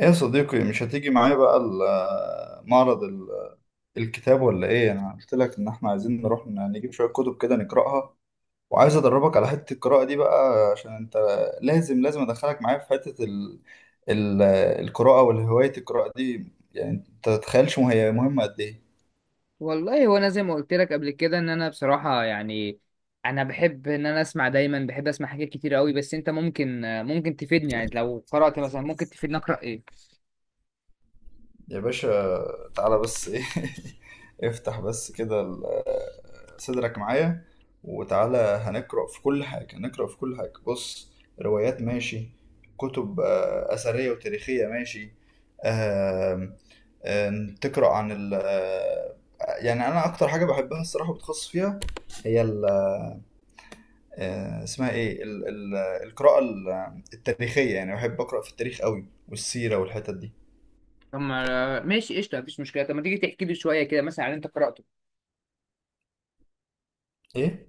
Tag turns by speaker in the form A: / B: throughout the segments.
A: ايه يا صديقي، مش هتيجي معايا بقى الكتاب ولا ايه؟ انا قلت لك ان احنا عايزين نروح نجيب شوية كتب كده نقراها، وعايز ادربك على حتة القراءة دي بقى، عشان انت لازم ادخلك معايا في حتة ال... القراءة والهواية القراءة دي. يعني انت تتخيلش هي مهمة قد ايه؟
B: والله هو انا زي ما قلت لك قبل كده ان انا بصراحه يعني انا بحب ان انا اسمع دايما بحب اسمع حاجات كتير قوي بس انت ممكن تفيدني يعني لو قرات مثلا ممكن تفيدني اقرا ايه؟
A: يا باشا، تعالى بس ايه؟ افتح بس كده صدرك معايا، وتعالى هنقرأ في كل حاجة، نقرأ في كل حاجة. بص، روايات ماشي، كتب أثرية وتاريخية ماشي، آم، آم، تقرأ عن ال آه، يعني أنا أكتر حاجة بحبها الصراحة وبتخصص فيها هي ال آه، اسمها إيه ال ال القراءة التاريخية. يعني بحب أقرأ في التاريخ قوي، والسيرة والحتت دي.
B: طب ما- ماشي قشطه مفيش مشكله، طب ما تيجي تحكي لي شويه كده مثلا عن اللي انت قراته؟
A: إيه؟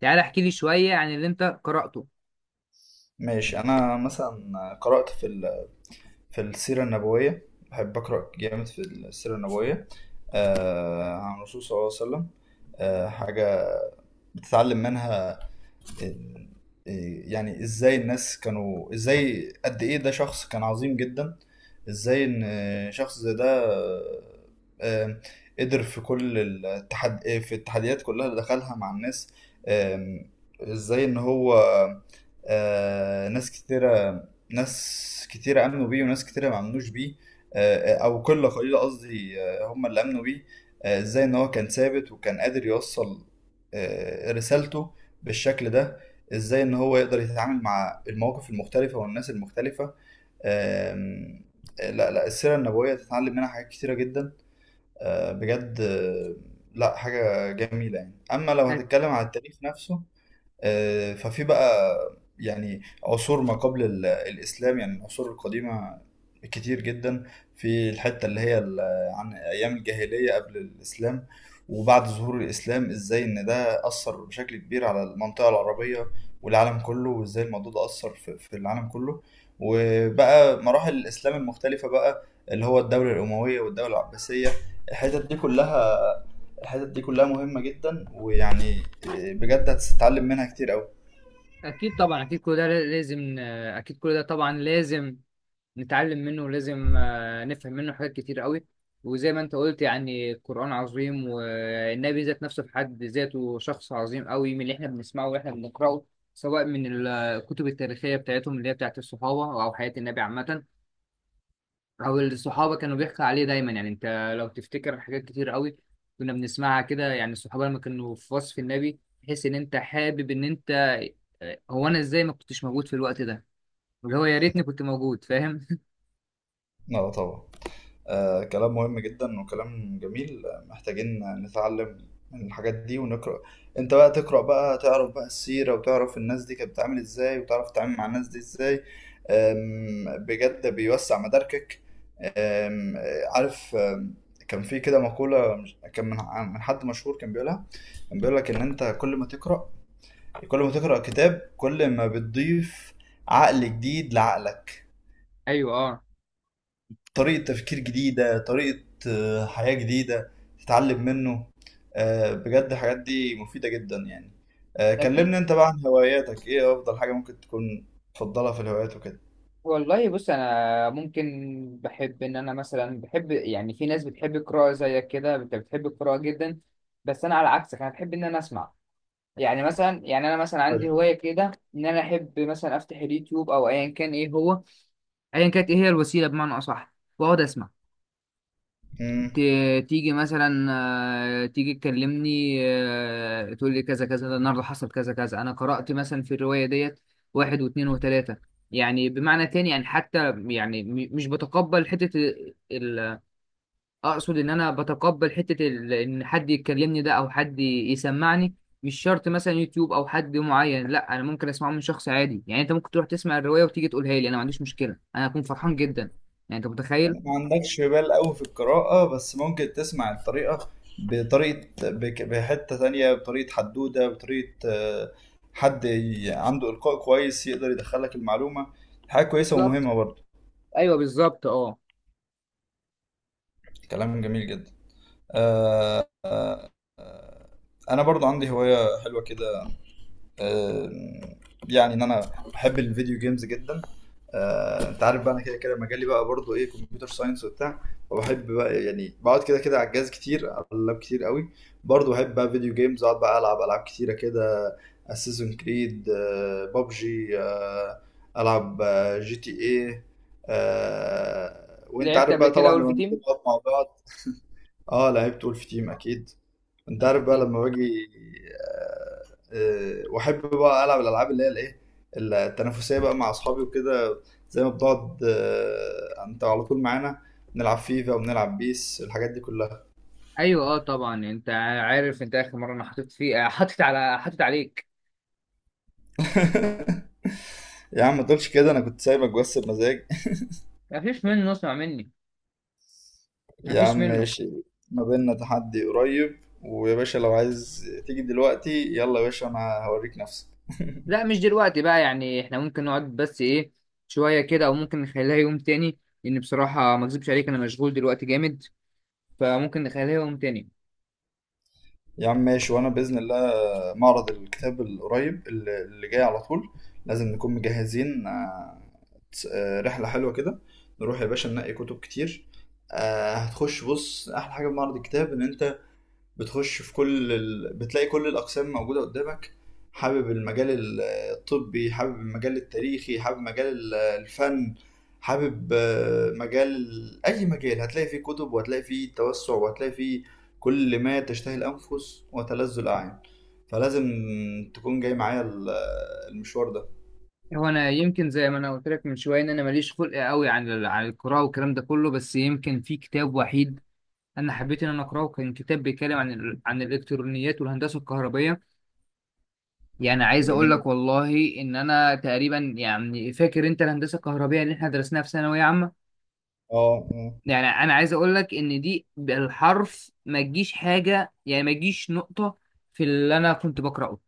B: تعالى احكي لي شويه عن اللي انت قراته.
A: ماشي، انا مثلا قرأت في السيرة النبوية، بحب أقرأ جامد في السيرة النبوية. عن الرسول صلى الله عليه وسلم. حاجة بتتعلم منها. إيه- إيه، يعني ازاي الناس كانوا، ازاي قد ايه ده شخص كان عظيم جدا. ازاي ان شخص زي ده آه، قدر في كل التحد آه، في التحديات كلها اللي دخلها مع الناس. آم، ازاي ان هو آه، ناس كتيرة ناس كتيرة امنوا بيه، وناس كتيرة ما امنوش بيه. او قلة قليلة قصدي هم اللي امنوا بيه. ازاي ان هو كان ثابت، وكان قادر يوصل رسالته بالشكل ده. ازاي ان هو يقدر يتعامل مع المواقف المختلفة والناس المختلفة. آم، لا لا، السيرة النبوية تتعلم منها حاجات كتيرة جدا بجد لا، حاجة جميلة يعني. اما لو
B: أك-
A: هتتكلم على التاريخ نفسه ففي بقى يعني عصور ما قبل الإسلام، يعني العصور القديمة كتير جدا. في الحتة اللي هي عن أيام الجاهلية قبل الإسلام، وبعد ظهور الإسلام، إزاي إن ده أثر بشكل كبير على المنطقة العربية والعالم كله، وإزاي الموضوع ده أثر في العالم كله. وبقى مراحل الإسلام المختلفة بقى، اللي هو الدولة الأموية والدولة العباسية، الحتت دي كلها. الحتت دي كلها مهمة جدا، ويعني بجد هتتعلم منها كتير أوي.
B: اكيد طبعا، اكيد كل ده لازم، اكيد كل ده طبعا لازم نتعلم منه، ولازم نفهم منه حاجات كتير قوي. وزي ما انت قلت يعني القرآن عظيم، والنبي ذات نفسه في حد ذاته شخص عظيم قوي من اللي احنا بنسمعه واحنا بنقرأه، سواء من الكتب التاريخية بتاعتهم اللي هي بتاعت الصحابة أو حياة النبي عامة، أو الصحابة كانوا بيحكوا عليه دايما. يعني أنت لو تفتكر حاجات كتير قوي كنا بنسمعها كده، يعني الصحابة لما كانوا في وصف النبي تحس إن أنت حابب إن أنت آه، هو، أنا إزاي ما كنتش موجود في الوقت ده، اللي هو يا ريتني كنت موجود، فاهم؟
A: اه طبعا. آه، كلام مهم جدا وكلام جميل. محتاجين نتعلم من الحاجات دي ونقرأ. انت بقى تقرأ بقى، تعرف بقى السيرة، وتعرف الناس دي كانت بتتعامل ازاي، وتعرف تتعامل مع الناس دي ازاي. بجد بيوسع مداركك. آم، آه، عارف، كان في كده مقولة، كان من حد مشهور كان بيقولها. كان بيقول لك ان انت، كل ما تقرأ كتاب، كل ما بتضيف عقل جديد لعقلك،
B: أيوه أه.
A: طريقة تفكير جديدة، طريقة حياة جديدة تتعلم منه. بجد الحاجات دي مفيدة جدا يعني.
B: أكيد.
A: كلمني انت بقى عن هواياتك، ايه افضل حاجة ممكن تكون تفضلها في الهوايات وكده؟
B: والله بص انا ممكن بحب ان انا مثلا، بحب يعني، في ناس بتحب القراءه زيك كده، انت بتحب القراءه جدا بس انا على عكسك، انا بحب ان انا اسمع. يعني مثلا، يعني انا مثلا عندي
A: طيب.
B: هوايه كده ان انا احب مثلا افتح اليوتيوب او ايا كان ايه هو، ايا كانت ايه هي الوسيله بمعنى اصح، واقعد اسمع.
A: مم.
B: تيجي مثلا، تيجي تكلمني، تقول لي كذا كذا، ده النهارده حصل كذا كذا، انا قرأت مثلا في الرواية ديت واحد واثنين وثلاثة. يعني بمعنى تاني يعني حتى يعني مش بتقبل حتة ال... اقصد ان انا بتقبل حتة ال... ان حد يكلمني ده او حد يسمعني. مش شرط مثلا يوتيوب او حد معين، لا انا ممكن اسمعه من شخص عادي. يعني انت ممكن تروح تسمع الرواية وتيجي تقولها لي، انا ما عنديش مشكلة، انا هكون فرحان جدا. يعني انت متخيل.
A: ما عندكش بال قوي في القراءة، بس ممكن تسمع الطريقة بطريقة بحتة تانية، بطريقة حدودة، بطريقة حد عنده إلقاء كويس يقدر يدخلك المعلومة. حاجة كويسة
B: بالظبط.
A: ومهمة برضه.
B: ايوه بالظبط اه.
A: كلام جميل جدا. آه، أنا برضه عندي هواية حلوة كده. آه، يعني ان انا بحب الفيديو جيمز جدا. انت عارف بقى انا كده كده مجالي بقى برضو ايه، كمبيوتر ساينس وبتاع. فبحب بقى يعني بقعد كده كده على الجهاز كتير، على اللاب كتير قوي. برضو بحب بقى فيديو جيمز، اقعد بقى العب العاب كتيره كده. اساسن كريد، بابجي، العب جي تي ايه. وانت
B: لعبت
A: عارف
B: قبل
A: بقى
B: كده
A: طبعا لما
B: ولف
A: بنيجي
B: تيم.
A: نقعد مع بعض. اه لعبت ولف تيم اكيد. انت عارف بقى
B: اكيد.
A: لما باجي، واحب بقى العب الالعاب اللي هي الايه، التنافسيه بقى، مع اصحابي وكده. زي ما بنقعد انت على طول معانا، بنلعب فيفا وبنلعب بيس، الحاجات دي كلها.
B: ايوه اه طبعا. انت عارف انت اخر مره انا حطيت فيه، حطيت عليك.
A: يا عم، ما تقولش كده، انا كنت سايبك بس بمزاج.
B: ما فيش منه، اسمع مني، ما
A: يا عم
B: فيش منه.
A: ماشي. ما بيننا تحدي قريب، ويا باشا لو عايز تيجي دلوقتي يلا يا باشا، انا هوريك نفسك.
B: لا مش دلوقتي بقى، يعني احنا ممكن نقعد بس ايه شويه كده، او ممكن نخليها يوم تاني، لان بصراحه ما اكذبش عليك انا مشغول دلوقتي جامد، فممكن نخليها يوم تاني.
A: يا عم ماشي، وانا باذن الله معرض الكتاب القريب اللي جاي على طول، لازم نكون مجهزين، رحله حلوه كده نروح يا باشا، ننقي كتب كتير. هتخش بص، احلى حاجه في معرض الكتاب ان انت بتخش في كل ال... بتلاقي كل الاقسام موجوده قدامك. حابب المجال الطبي، حابب المجال التاريخي، حابب مجال الفن، حابب مجال اي مجال هتلاقي فيه كتب، وهتلاقي فيه توسع، وهتلاقي فيه كل ما تشتهي الانفس وتلذ الاعين. فلازم تكون جاي معايا المشوار ده.
B: هو انا يمكن زي ما انا قلت لك من شويه ان انا ماليش خلق قوي عن عن القراءه والكلام ده كله، بس يمكن في كتاب وحيد انا حبيت ان انا اقراه، كان كتاب بيتكلم عن عن الالكترونيات والهندسه الكهربائيه. يعني عايز اقول لك
A: جميل،
B: والله ان انا تقريبا، يعني فاكر انت الهندسه الكهربائيه اللي احنا درسناها في ثانويه عامه؟
A: اه اه.
B: يعني انا عايز اقول لك ان دي بالحرف ما تجيش حاجه، يعني ما تجيش نقطه في اللي انا كنت بقراه.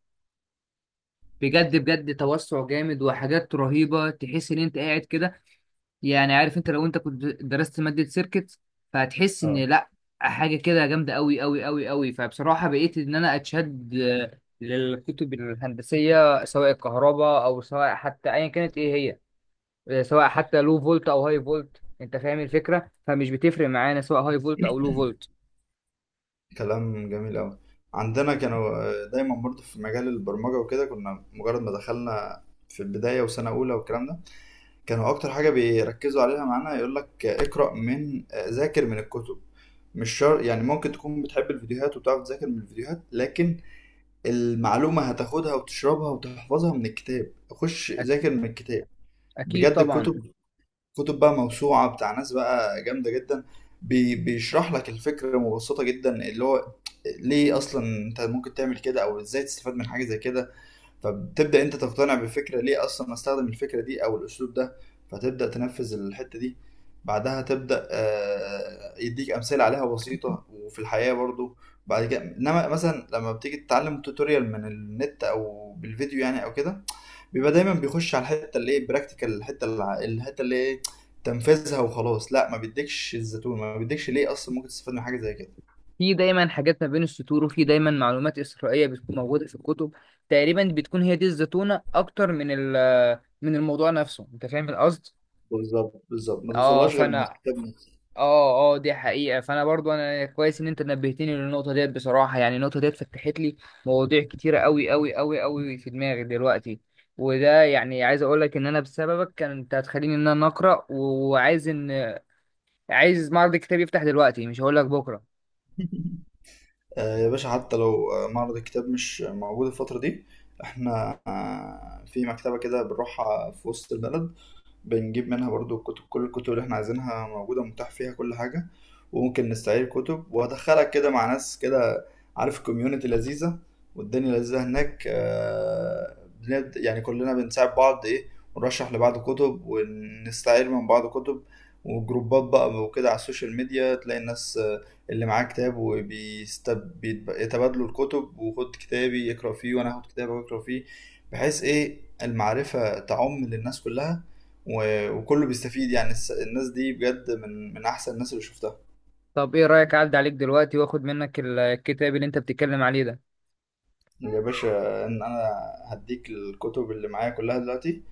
B: بجد بجد توسع جامد وحاجات رهيبه، تحس ان انت قاعد كده، يعني عارف انت لو انت كنت درست مادة سيركت فهتحس ان
A: آه.
B: لا، حاجة كده جامدة قوي قوي قوي قوي. فبصراحة بقيت ان انا اتشد للكتب الهندسية، سواء الكهرباء او سواء حتى ايا كانت ايه هي، سواء حتى لو فولت او هاي فولت، انت فاهم الفكرة، فمش بتفرق معانا سواء هاي فولت او لو فولت.
A: كلام جميل أوي. عندنا كانوا دايما برضو في مجال البرمجة وكده، كنا مجرد ما دخلنا في البداية وسنة أولى والكلام ده، كانوا أكتر حاجة بيركزوا عليها معانا يقول لك اقرأ من آه، ذاكر من الكتب. مش شرط يعني، ممكن تكون بتحب الفيديوهات وبتعرف تذاكر من الفيديوهات، لكن المعلومة هتاخدها وتشربها وتحفظها من الكتاب، خش
B: أك-
A: ذاكر من الكتاب.
B: اكيد
A: بجد
B: طبعا.
A: الكتب، كتب بقى موسوعة بتاع ناس بقى جامدة جدا. بيشرح لك الفكرة مبسطة جدا، اللي هو ليه أصلا أنت ممكن تعمل كده، أو إزاي تستفاد من حاجة زي كده. فبتبدأ أنت تقتنع بالفكرة، ليه أصلا أستخدم الفكرة دي أو الأسلوب ده. فتبدأ تنفذ الحتة دي. بعدها تبدأ يديك أمثلة عليها بسيطة وفي الحياة برضو. بعد كده، إنما مثلا لما بتيجي تتعلم توتوريال من النت أو بالفيديو يعني أو كده، بيبقى دايما بيخش على الحته اللي ايه براكتيكال، الحته الحته اللي ايه تنفذها وخلاص. لا ما بيديكش الزيتون، ما بيديكش ليه اصلا ممكن تستفاد من حاجه زي كده.
B: في دايما حاجات ما بين السطور، وفي دايما معلومات إسرائيلية بتكون موجودة في الكتب، تقريبا بتكون هي دي الزتونة اكتر من من الموضوع نفسه، انت فاهم القصد.
A: بالظبط بالظبط، ما
B: اه
A: توصلهاش غير من
B: فانا،
A: الكتاب نفسه.
B: اه اه دي حقيقة، فانا برضو انا كويس ان انت نبهتني للنقطة ديت، بصراحة يعني النقطة ديت فتحت لي مواضيع كتيرة قوي قوي قوي قوي في دماغي دلوقتي. وده يعني عايز اقول لك ان انا بسببك، كان انت هتخليني ان انا اقرا، وعايز ان عايز معرض الكتاب يفتح دلوقتي، مش هقول لك بكرة.
A: آه يا باشا، حتى لو معرض الكتاب مش موجود الفتره دي، احنا آه في مكتبه كده بنروحها في وسط البلد، بنجيب منها برضو الكتب، كل الكتب اللي احنا عايزينها موجودة، متاح فيها كل حاجة. وممكن نستعير كتب، وهدخلك كده مع ناس كده، عارف، كوميونتي لذيذة والدنيا لذيذة هناك. بنبدأ يعني كلنا بنساعد بعض ايه، ونرشح لبعض كتب، ونستعير من بعض كتب، وجروبات بقى وكده على السوشيال ميديا، تلاقي الناس اللي معاه كتاب وبيتبادلوا الكتب، وخد كتابي يقرأ فيه وانا هاخد كتابك واقرأ فيه، بحيث ايه المعرفة تعم للناس كلها، وكله بيستفيد يعني. الناس دي بجد من احسن الناس اللي شفتها.
B: طب ايه رأيك اعدي عليك دلوقتي واخد منك الكتاب اللي انت بتتكلم عليه ده؟
A: يا باشا ان انا هديك الكتب اللي معايا كلها دلوقتي،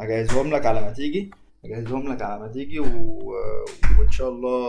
A: هجهزهم لك على ما تيجي هجهزهم لك على ما تيجي و... وان شاء الله.